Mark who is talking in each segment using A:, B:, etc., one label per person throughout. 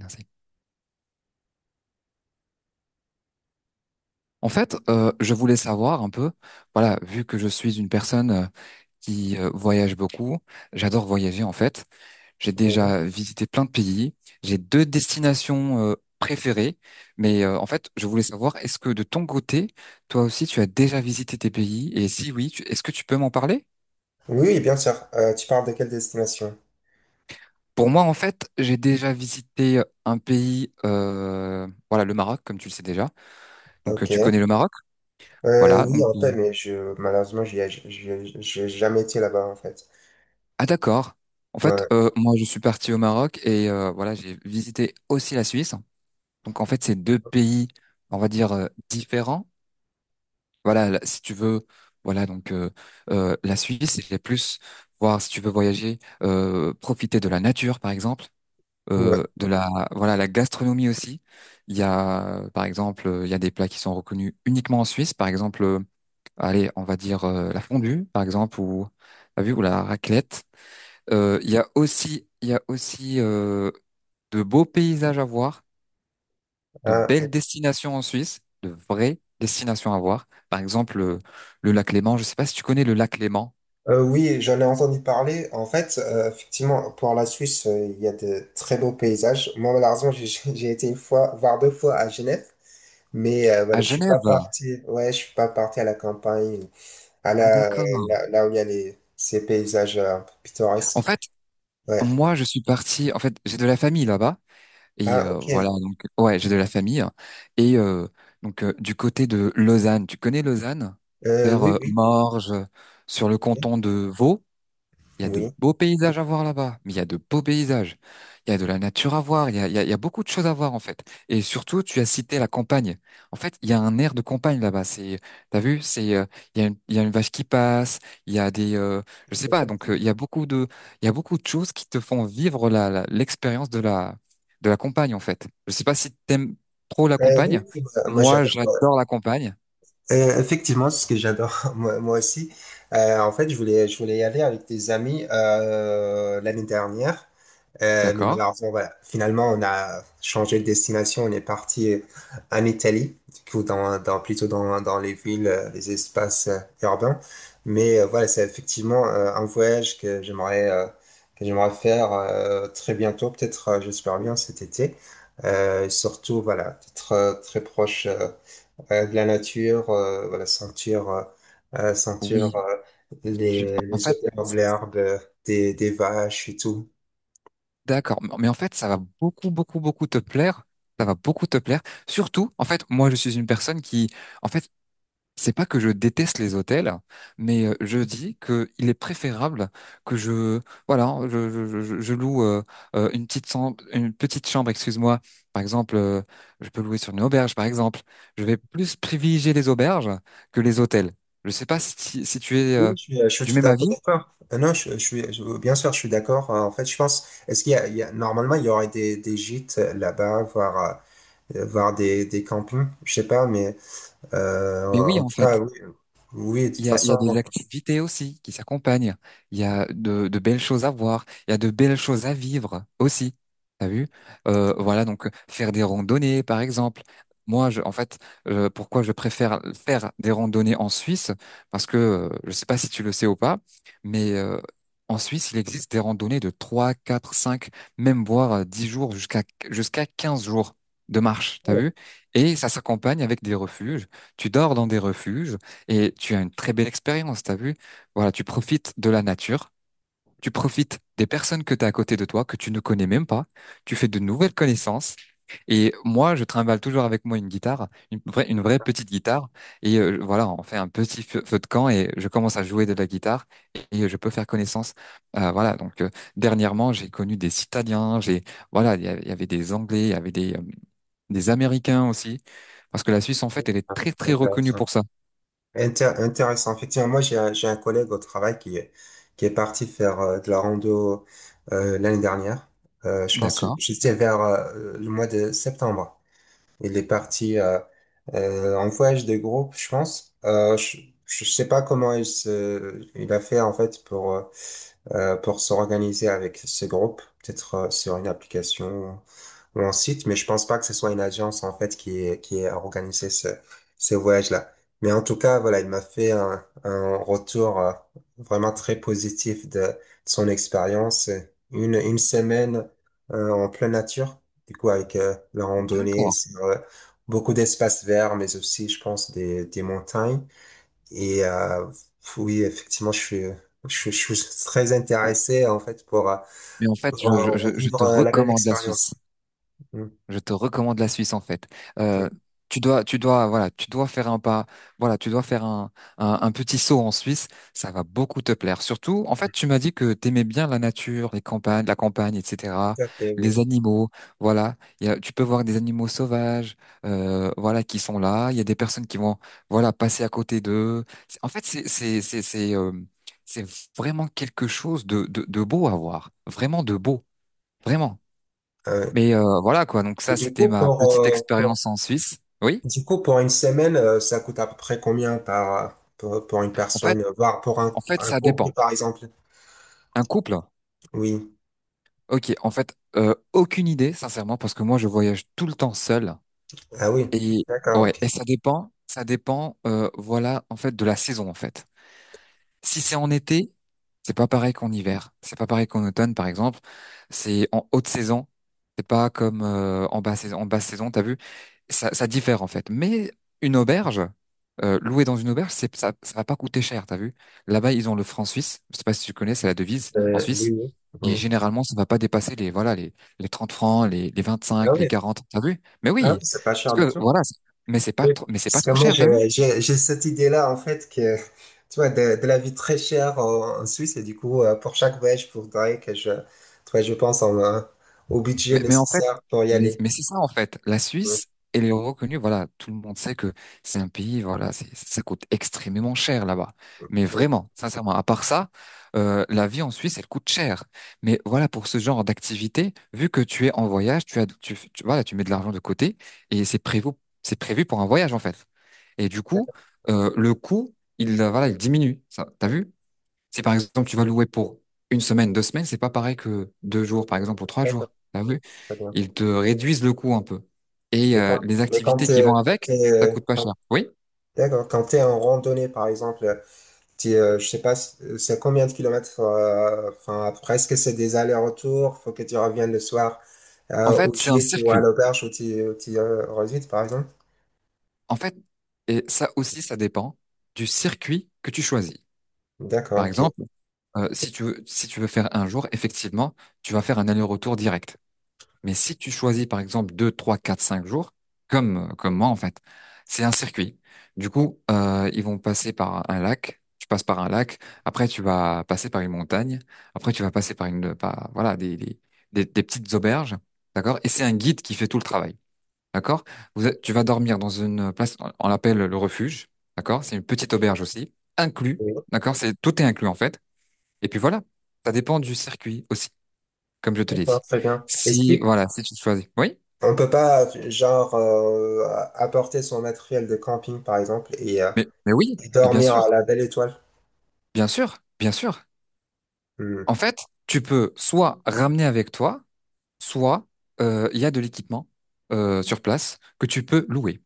A: Merci. En fait, je voulais savoir un peu, voilà, vu que je suis une personne qui voyage beaucoup, j'adore voyager en fait. J'ai
B: Oui,
A: déjà visité plein de pays. J'ai deux destinations préférées, mais en fait, je voulais savoir, est-ce que de ton côté, toi aussi, tu as déjà visité tes pays? Et si oui, est-ce que tu peux m'en parler?
B: oui, oui, bien sûr. Tu parles de quelle destination?
A: Pour moi, en fait, j'ai déjà visité un pays, voilà, le Maroc, comme tu le sais déjà. Donc,
B: Ok.
A: tu connais le Maroc, voilà.
B: Oui, en fait, mais je, malheureusement, j'y ai, j'y j'ai jamais été là-bas, en fait.
A: Ah d'accord. En fait,
B: Ouais.
A: moi je suis parti au Maroc et voilà, j'ai visité aussi la Suisse. Donc en fait, c'est deux pays, on va dire, différents. Voilà, là, si tu veux, voilà, donc, la Suisse, c'est plus voir si tu veux voyager, profiter de la nature, par exemple,
B: Ouais.
A: de la voilà, la gastronomie aussi. Il y a, par exemple, il y a des plats qui sont reconnus uniquement en Suisse, par exemple, allez, on va dire la fondue, par exemple, ou, t'as vu, ou la raclette. Il y a aussi, il y a aussi de beaux paysages à voir, de
B: Ah,
A: belles destinations en Suisse, de vraies destinations à voir. Par exemple, le lac Léman. Je ne sais pas si tu connais le lac Léman
B: oui, j'en ai entendu parler. En fait, effectivement, pour la Suisse, il y a de très beaux paysages. Moi, malheureusement, j'ai j'ai été une fois, voire deux fois à Genève. Mais
A: à
B: voilà,
A: Genève.
B: je suis pas parti à la campagne,
A: Ah d'accord.
B: là où il y a ces paysages
A: En
B: pittoresques.
A: fait,
B: Ouais.
A: moi, je suis parti. En fait, j'ai de la famille là-bas et
B: Ah, ok.
A: voilà. Donc, ouais, j'ai de la famille et du côté de Lausanne. Tu connais Lausanne?
B: Euh,
A: Vers
B: oui, oui,
A: Morges, sur le
B: oui,
A: canton de Vaud. Il y a de
B: oui.
A: beaux paysages à voir là-bas, mais il y a de beaux paysages. Il y a de la nature à voir, il y a beaucoup de choses à voir en fait. Et surtout, tu as cité la campagne. En fait, il y a un air de campagne là-bas. T'as vu, il y a il y a une vache qui passe, il y a des, je sais pas. Donc,
B: Effectivement.
A: il y a beaucoup de choses qui te font vivre l'expérience de la campagne en fait. Je sais pas si t'aimes trop la
B: Oui,
A: campagne.
B: oui, moi,
A: Moi,
B: j'adore.
A: j'adore la campagne.
B: Effectivement, c'est ce que j'adore, moi, moi aussi. En fait, je voulais y aller avec des amis l'année dernière. Mais
A: D'accord?
B: malheureusement, voilà. Finalement, on a changé de destination. On est parti en Italie, du coup, plutôt dans les villes, les espaces urbains. Mais voilà, c'est effectivement un voyage que j'aimerais faire très bientôt, peut-être, j'espère bien, cet été. Et surtout, voilà, être très proche de la nature, voilà, sentir
A: Oui. Tu, en
B: les
A: fait.
B: odeurs de l'herbe, des vaches et tout.
A: D'accord, mais en fait, ça va beaucoup, beaucoup, beaucoup te plaire. Ça va beaucoup te plaire. Surtout, en fait, moi, je suis une personne qui, en fait, c'est pas que je déteste les hôtels, mais je dis que il est préférable que je, voilà, je loue une petite chambre, excuse-moi. Par exemple, je peux louer sur une auberge, par exemple. Je vais plus privilégier les auberges que les hôtels. Je sais pas si tu es
B: Oui, je suis
A: du
B: tout
A: même
B: à fait
A: avis,
B: d'accord. Non, bien sûr, je suis d'accord. En fait, je pense, est-ce qu'il y a, il y a- normalement, il y aurait des gîtes là-bas, voire, voire des campings, je sais pas, mais euh,
A: mais oui,
B: en
A: en
B: tout
A: fait.
B: cas, oui, oui, de
A: Il
B: toute
A: y a, il y a des
B: façon,
A: activités aussi qui s'accompagnent. Il y a de belles choses à voir. Il y a de belles choses à vivre aussi. T'as vu? Voilà, donc faire des randonnées, par exemple. En fait, pourquoi je préfère faire des randonnées en Suisse? Parce que, je sais pas si tu le sais ou pas, mais en Suisse, il existe des randonnées de 3 4 5 même voire 10 jours jusqu'à 15 jours de marche. T'as
B: oh,
A: vu? Et ça s'accompagne avec des refuges. Tu dors dans des refuges. Et tu as une très belle expérience, t'as vu? Voilà, tu profites de la nature, tu profites des personnes que tu as à côté de toi, que tu ne connais même pas, tu fais de nouvelles connaissances. Et moi, je trimballe toujours avec moi une guitare, une vraie petite guitare. Et voilà, on fait un petit feu de camp et je commence à jouer de la guitare et je peux faire connaissance. Voilà, donc dernièrement, j'ai connu des Italiens, voilà, il y avait des Anglais, il y avait des Américains aussi. Parce que la Suisse, en fait, elle est très, très reconnue
B: intéressant.
A: pour ça.
B: Intéressant. Effectivement, moi, j'ai un collègue au travail qui est parti faire de la rando l'année dernière. Je pense, que
A: D'accord.
B: j'étais vers le mois de septembre. Il est parti en voyage de groupe, je pense. Je sais pas comment il a fait en fait pour s'organiser avec ce groupe, peut-être sur une application un site, mais je pense pas que ce soit une agence en fait qui a organisé ce voyage-là. Mais en tout cas, voilà, il m'a fait un retour vraiment très positif de son expérience. Une semaine en pleine nature, du coup avec la randonnée
A: D'accord.
B: sur beaucoup d'espaces verts, mais aussi, je pense, des montagnes. Et oui, effectivement, je suis très intéressé en fait
A: Mais en fait, je, je, je je
B: vivre
A: te
B: la même
A: recommande la Suisse.
B: expérience. Mm.
A: Je te recommande la Suisse en fait. Euh,
B: Oui.
A: voilà, tu dois faire un pas, voilà, tu dois faire un petit saut en Suisse. Ça va beaucoup te plaire. Surtout, en fait, tu m'as dit que t'aimais bien la nature, les campagnes, la campagne, etc.
B: Tout à fait,
A: Les
B: oui.
A: animaux, voilà. Tu peux voir des animaux sauvages, voilà, qui sont là. Il y a des personnes qui vont, voilà, passer à côté d'eux. En fait, c'est vraiment quelque chose de beau à voir, vraiment de beau. Vraiment.
B: Euh,
A: Mais voilà quoi. Donc
B: et
A: ça,
B: du
A: c'était
B: coup,
A: ma petite expérience en Suisse. Oui.
B: du coup, pour une semaine, ça coûte à peu près combien pour une
A: En fait,
B: personne, voire pour
A: En fait,
B: un
A: ça
B: couple,
A: dépend.
B: par exemple?
A: Un couple.
B: Oui.
A: Ok. En fait, aucune idée, sincèrement, parce que moi, je voyage tout le temps seul.
B: Ah oui,
A: Et
B: d'accord,
A: ouais.
B: ok.
A: Et ça dépend. Ça dépend. Voilà. En fait, de la saison. En fait. Si c'est en été, c'est pas pareil qu'en hiver. C'est pas pareil qu'en automne, par exemple. C'est en haute saison. C'est pas comme en basse saison. En basse saison, t'as vu, ça diffère en fait. Mais une auberge, louer dans une auberge, c'est ça, ça va pas coûter cher, t'as vu. Là-bas, ils ont le franc suisse. Je sais pas si tu connais, c'est la devise en
B: Euh, oui,
A: Suisse.
B: oui,
A: Et
B: oui.
A: généralement, ça va pas dépasser les voilà les 30 francs, les
B: Ah
A: cinq les
B: oui,
A: 40. T'as vu? Mais
B: ah
A: oui,
B: oui, c'est pas cher du
A: parce que
B: tout.
A: voilà. Mais c'est pas
B: Oui.
A: trop, mais c'est pas
B: Parce que
A: trop
B: moi,
A: cher, t'as vu?
B: j'ai cette idée-là, en fait, que, tu vois, de la vie très chère en Suisse, et du coup, pour chaque voyage, il faudrait que je, tu vois, au budget
A: Mais en fait,
B: nécessaire pour y
A: mais,
B: aller.
A: mais c'est ça en fait. La
B: Oui,
A: Suisse, elle est reconnue. Voilà, tout le monde sait que c'est un pays. Voilà, ça coûte extrêmement cher là-bas. Mais
B: oui.
A: vraiment, sincèrement, à part ça, la vie en Suisse, elle coûte cher. Mais voilà, pour ce genre d'activité, vu que tu es en voyage, tu as, tu- voilà, tu mets de l'argent de côté et c'est prévu pour un voyage en fait. Et du coup,
B: D'accord,
A: le coût, voilà, il diminue. Ça, t'as vu? Si par exemple tu vas louer pour une semaine, 2 semaines, c'est pas pareil que 2 jours, par exemple, ou trois
B: d'accord.
A: jours. T'as vu?
B: Très bien.
A: Ils te réduisent le coût un peu. Et
B: Mais quand,
A: les activités qui vont
B: Quand
A: avec,
B: t'es,
A: ça coûte pas cher. Oui?
B: d'accord, quand t'es en randonnée, par exemple, t'es, je sais pas, c'est combien de kilomètres, enfin, presque c'est des allers-retours, faut que tu reviennes le soir,
A: En fait,
B: au
A: c'est un
B: gîte ou à
A: circuit.
B: l'auberge où tu, résides, par exemple?
A: En fait, et ça aussi, ça dépend du circuit que tu choisis. Par
B: D'accord, ok.
A: exemple, si tu veux faire un jour, effectivement, tu vas faire un aller-retour direct. Mais si tu choisis, par exemple, 2 3 4 5 jours, comme moi, en fait, c'est un circuit. Du coup, ils vont passer par un lac. Tu passes par un lac. Après, tu vas passer par une montagne. Après, tu vas passer par voilà, des petites auberges. D'accord? Et c'est un guide qui fait tout le travail. D'accord? Tu vas dormir dans une place, on l'appelle le refuge. D'accord? C'est une petite auberge aussi. Inclus.
B: Oui,
A: D'accord? Tout est inclus, en fait. Et puis voilà. Ça dépend du circuit aussi, comme je te l'ai
B: d'accord,
A: dit.
B: très bien. Est-ce
A: Si, voilà, si tu choisis. Oui?
B: qu'on peut pas, genre, apporter son matériel de camping, par exemple,
A: Mais oui,
B: et
A: mais bien
B: dormir à
A: sûr,
B: la belle étoile?
A: bien sûr, bien sûr.
B: Hmm.
A: En fait, tu peux soit ramener avec toi, soit il y a de l'équipement sur place que tu peux louer.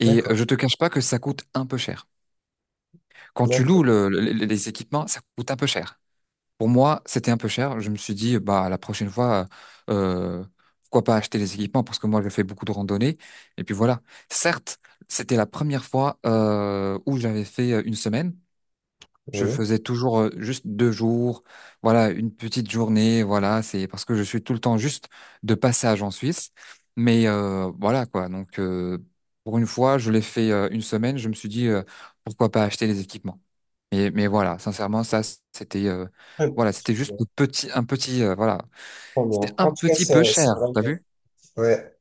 A: Et
B: D'accord.
A: je te cache pas que ça coûte un peu cher. Quand tu loues
B: Bien.
A: les équipements, ça coûte un peu cher. Pour moi, c'était un peu cher. Je me suis dit, bah la prochaine fois, euh, pourquoi pas acheter les équipements parce que moi, je fais beaucoup de randonnées. Et puis voilà. Certes, c'était la première fois où j'avais fait une semaine. Je
B: Oui.
A: faisais toujours juste 2 jours, voilà, une petite journée, voilà, c'est parce que je suis tout le temps juste de passage en Suisse. Mais voilà quoi, donc pour une fois, je l'ai fait une semaine, je me suis dit pourquoi pas acheter les équipements. Mais voilà, sincèrement, ça c'était euh,
B: Très
A: voilà, c'était juste
B: bien.
A: un petit,
B: Trop
A: c'était
B: bien.
A: un
B: En tout cas,
A: petit peu
B: c'est
A: cher,
B: vrai.
A: t'as vu?
B: Que- Ouais.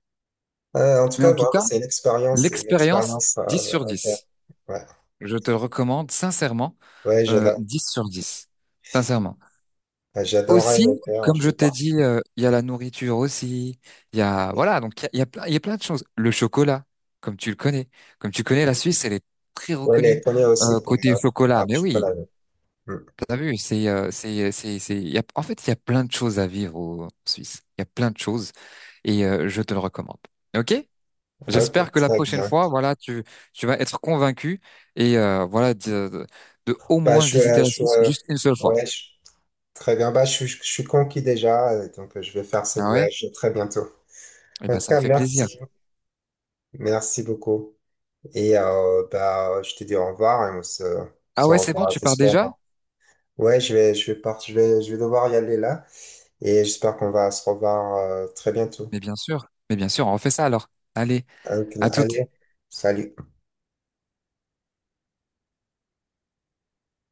B: En tout
A: Mais
B: cas,
A: en tout
B: vraiment,
A: cas,
B: c'est une
A: l'expérience
B: expérience
A: 10 sur
B: à faire.
A: 10.
B: Ouais,
A: Je te le recommande sincèrement,
B: ouais,
A: 10 sur dix. Sincèrement.
B: j'adorerais
A: Aussi,
B: le faire.
A: comme
B: Je
A: je
B: vais
A: t'ai
B: voir.
A: dit, il y a la nourriture aussi. Il y a, voilà, donc il y a plein de choses. Le chocolat, comme tu le connais. Comme tu connais, la Suisse, elle est très
B: Ouais, les
A: reconnue
B: connais aussi pour.
A: côté chocolat.
B: Ah,
A: Mais
B: je suis pas là.
A: oui,
B: Hmm.
A: t'as vu, il y a, en fait, il y a plein de choses à vivre en Suisse. Il y a plein de choses et je te le recommande. OK?
B: Ok,
A: J'espère que la
B: très
A: prochaine
B: bien.
A: fois, voilà, tu vas être convaincu et voilà, de au
B: Bah,
A: moins visiter
B: je,
A: la
B: suis,
A: Suisse juste une seule fois.
B: ouais, je- Très bien. Bah, je suis conquis déjà, donc je vais faire ce
A: Ah ouais?
B: voyage très bientôt.
A: Eh
B: En
A: ben,
B: tout
A: ça me
B: cas,
A: fait plaisir.
B: merci, merci beaucoup. Et bah, je te dis au revoir
A: Ah
B: se
A: ouais, c'est bon,
B: revoit,
A: tu pars
B: j'espère.
A: déjà?
B: Ouais, je vais partir, je vais devoir y aller là et j'espère qu'on va se revoir très bientôt.
A: Mais bien sûr, on refait ça alors. Allez,
B: Donc,
A: à tout
B: allez, salut.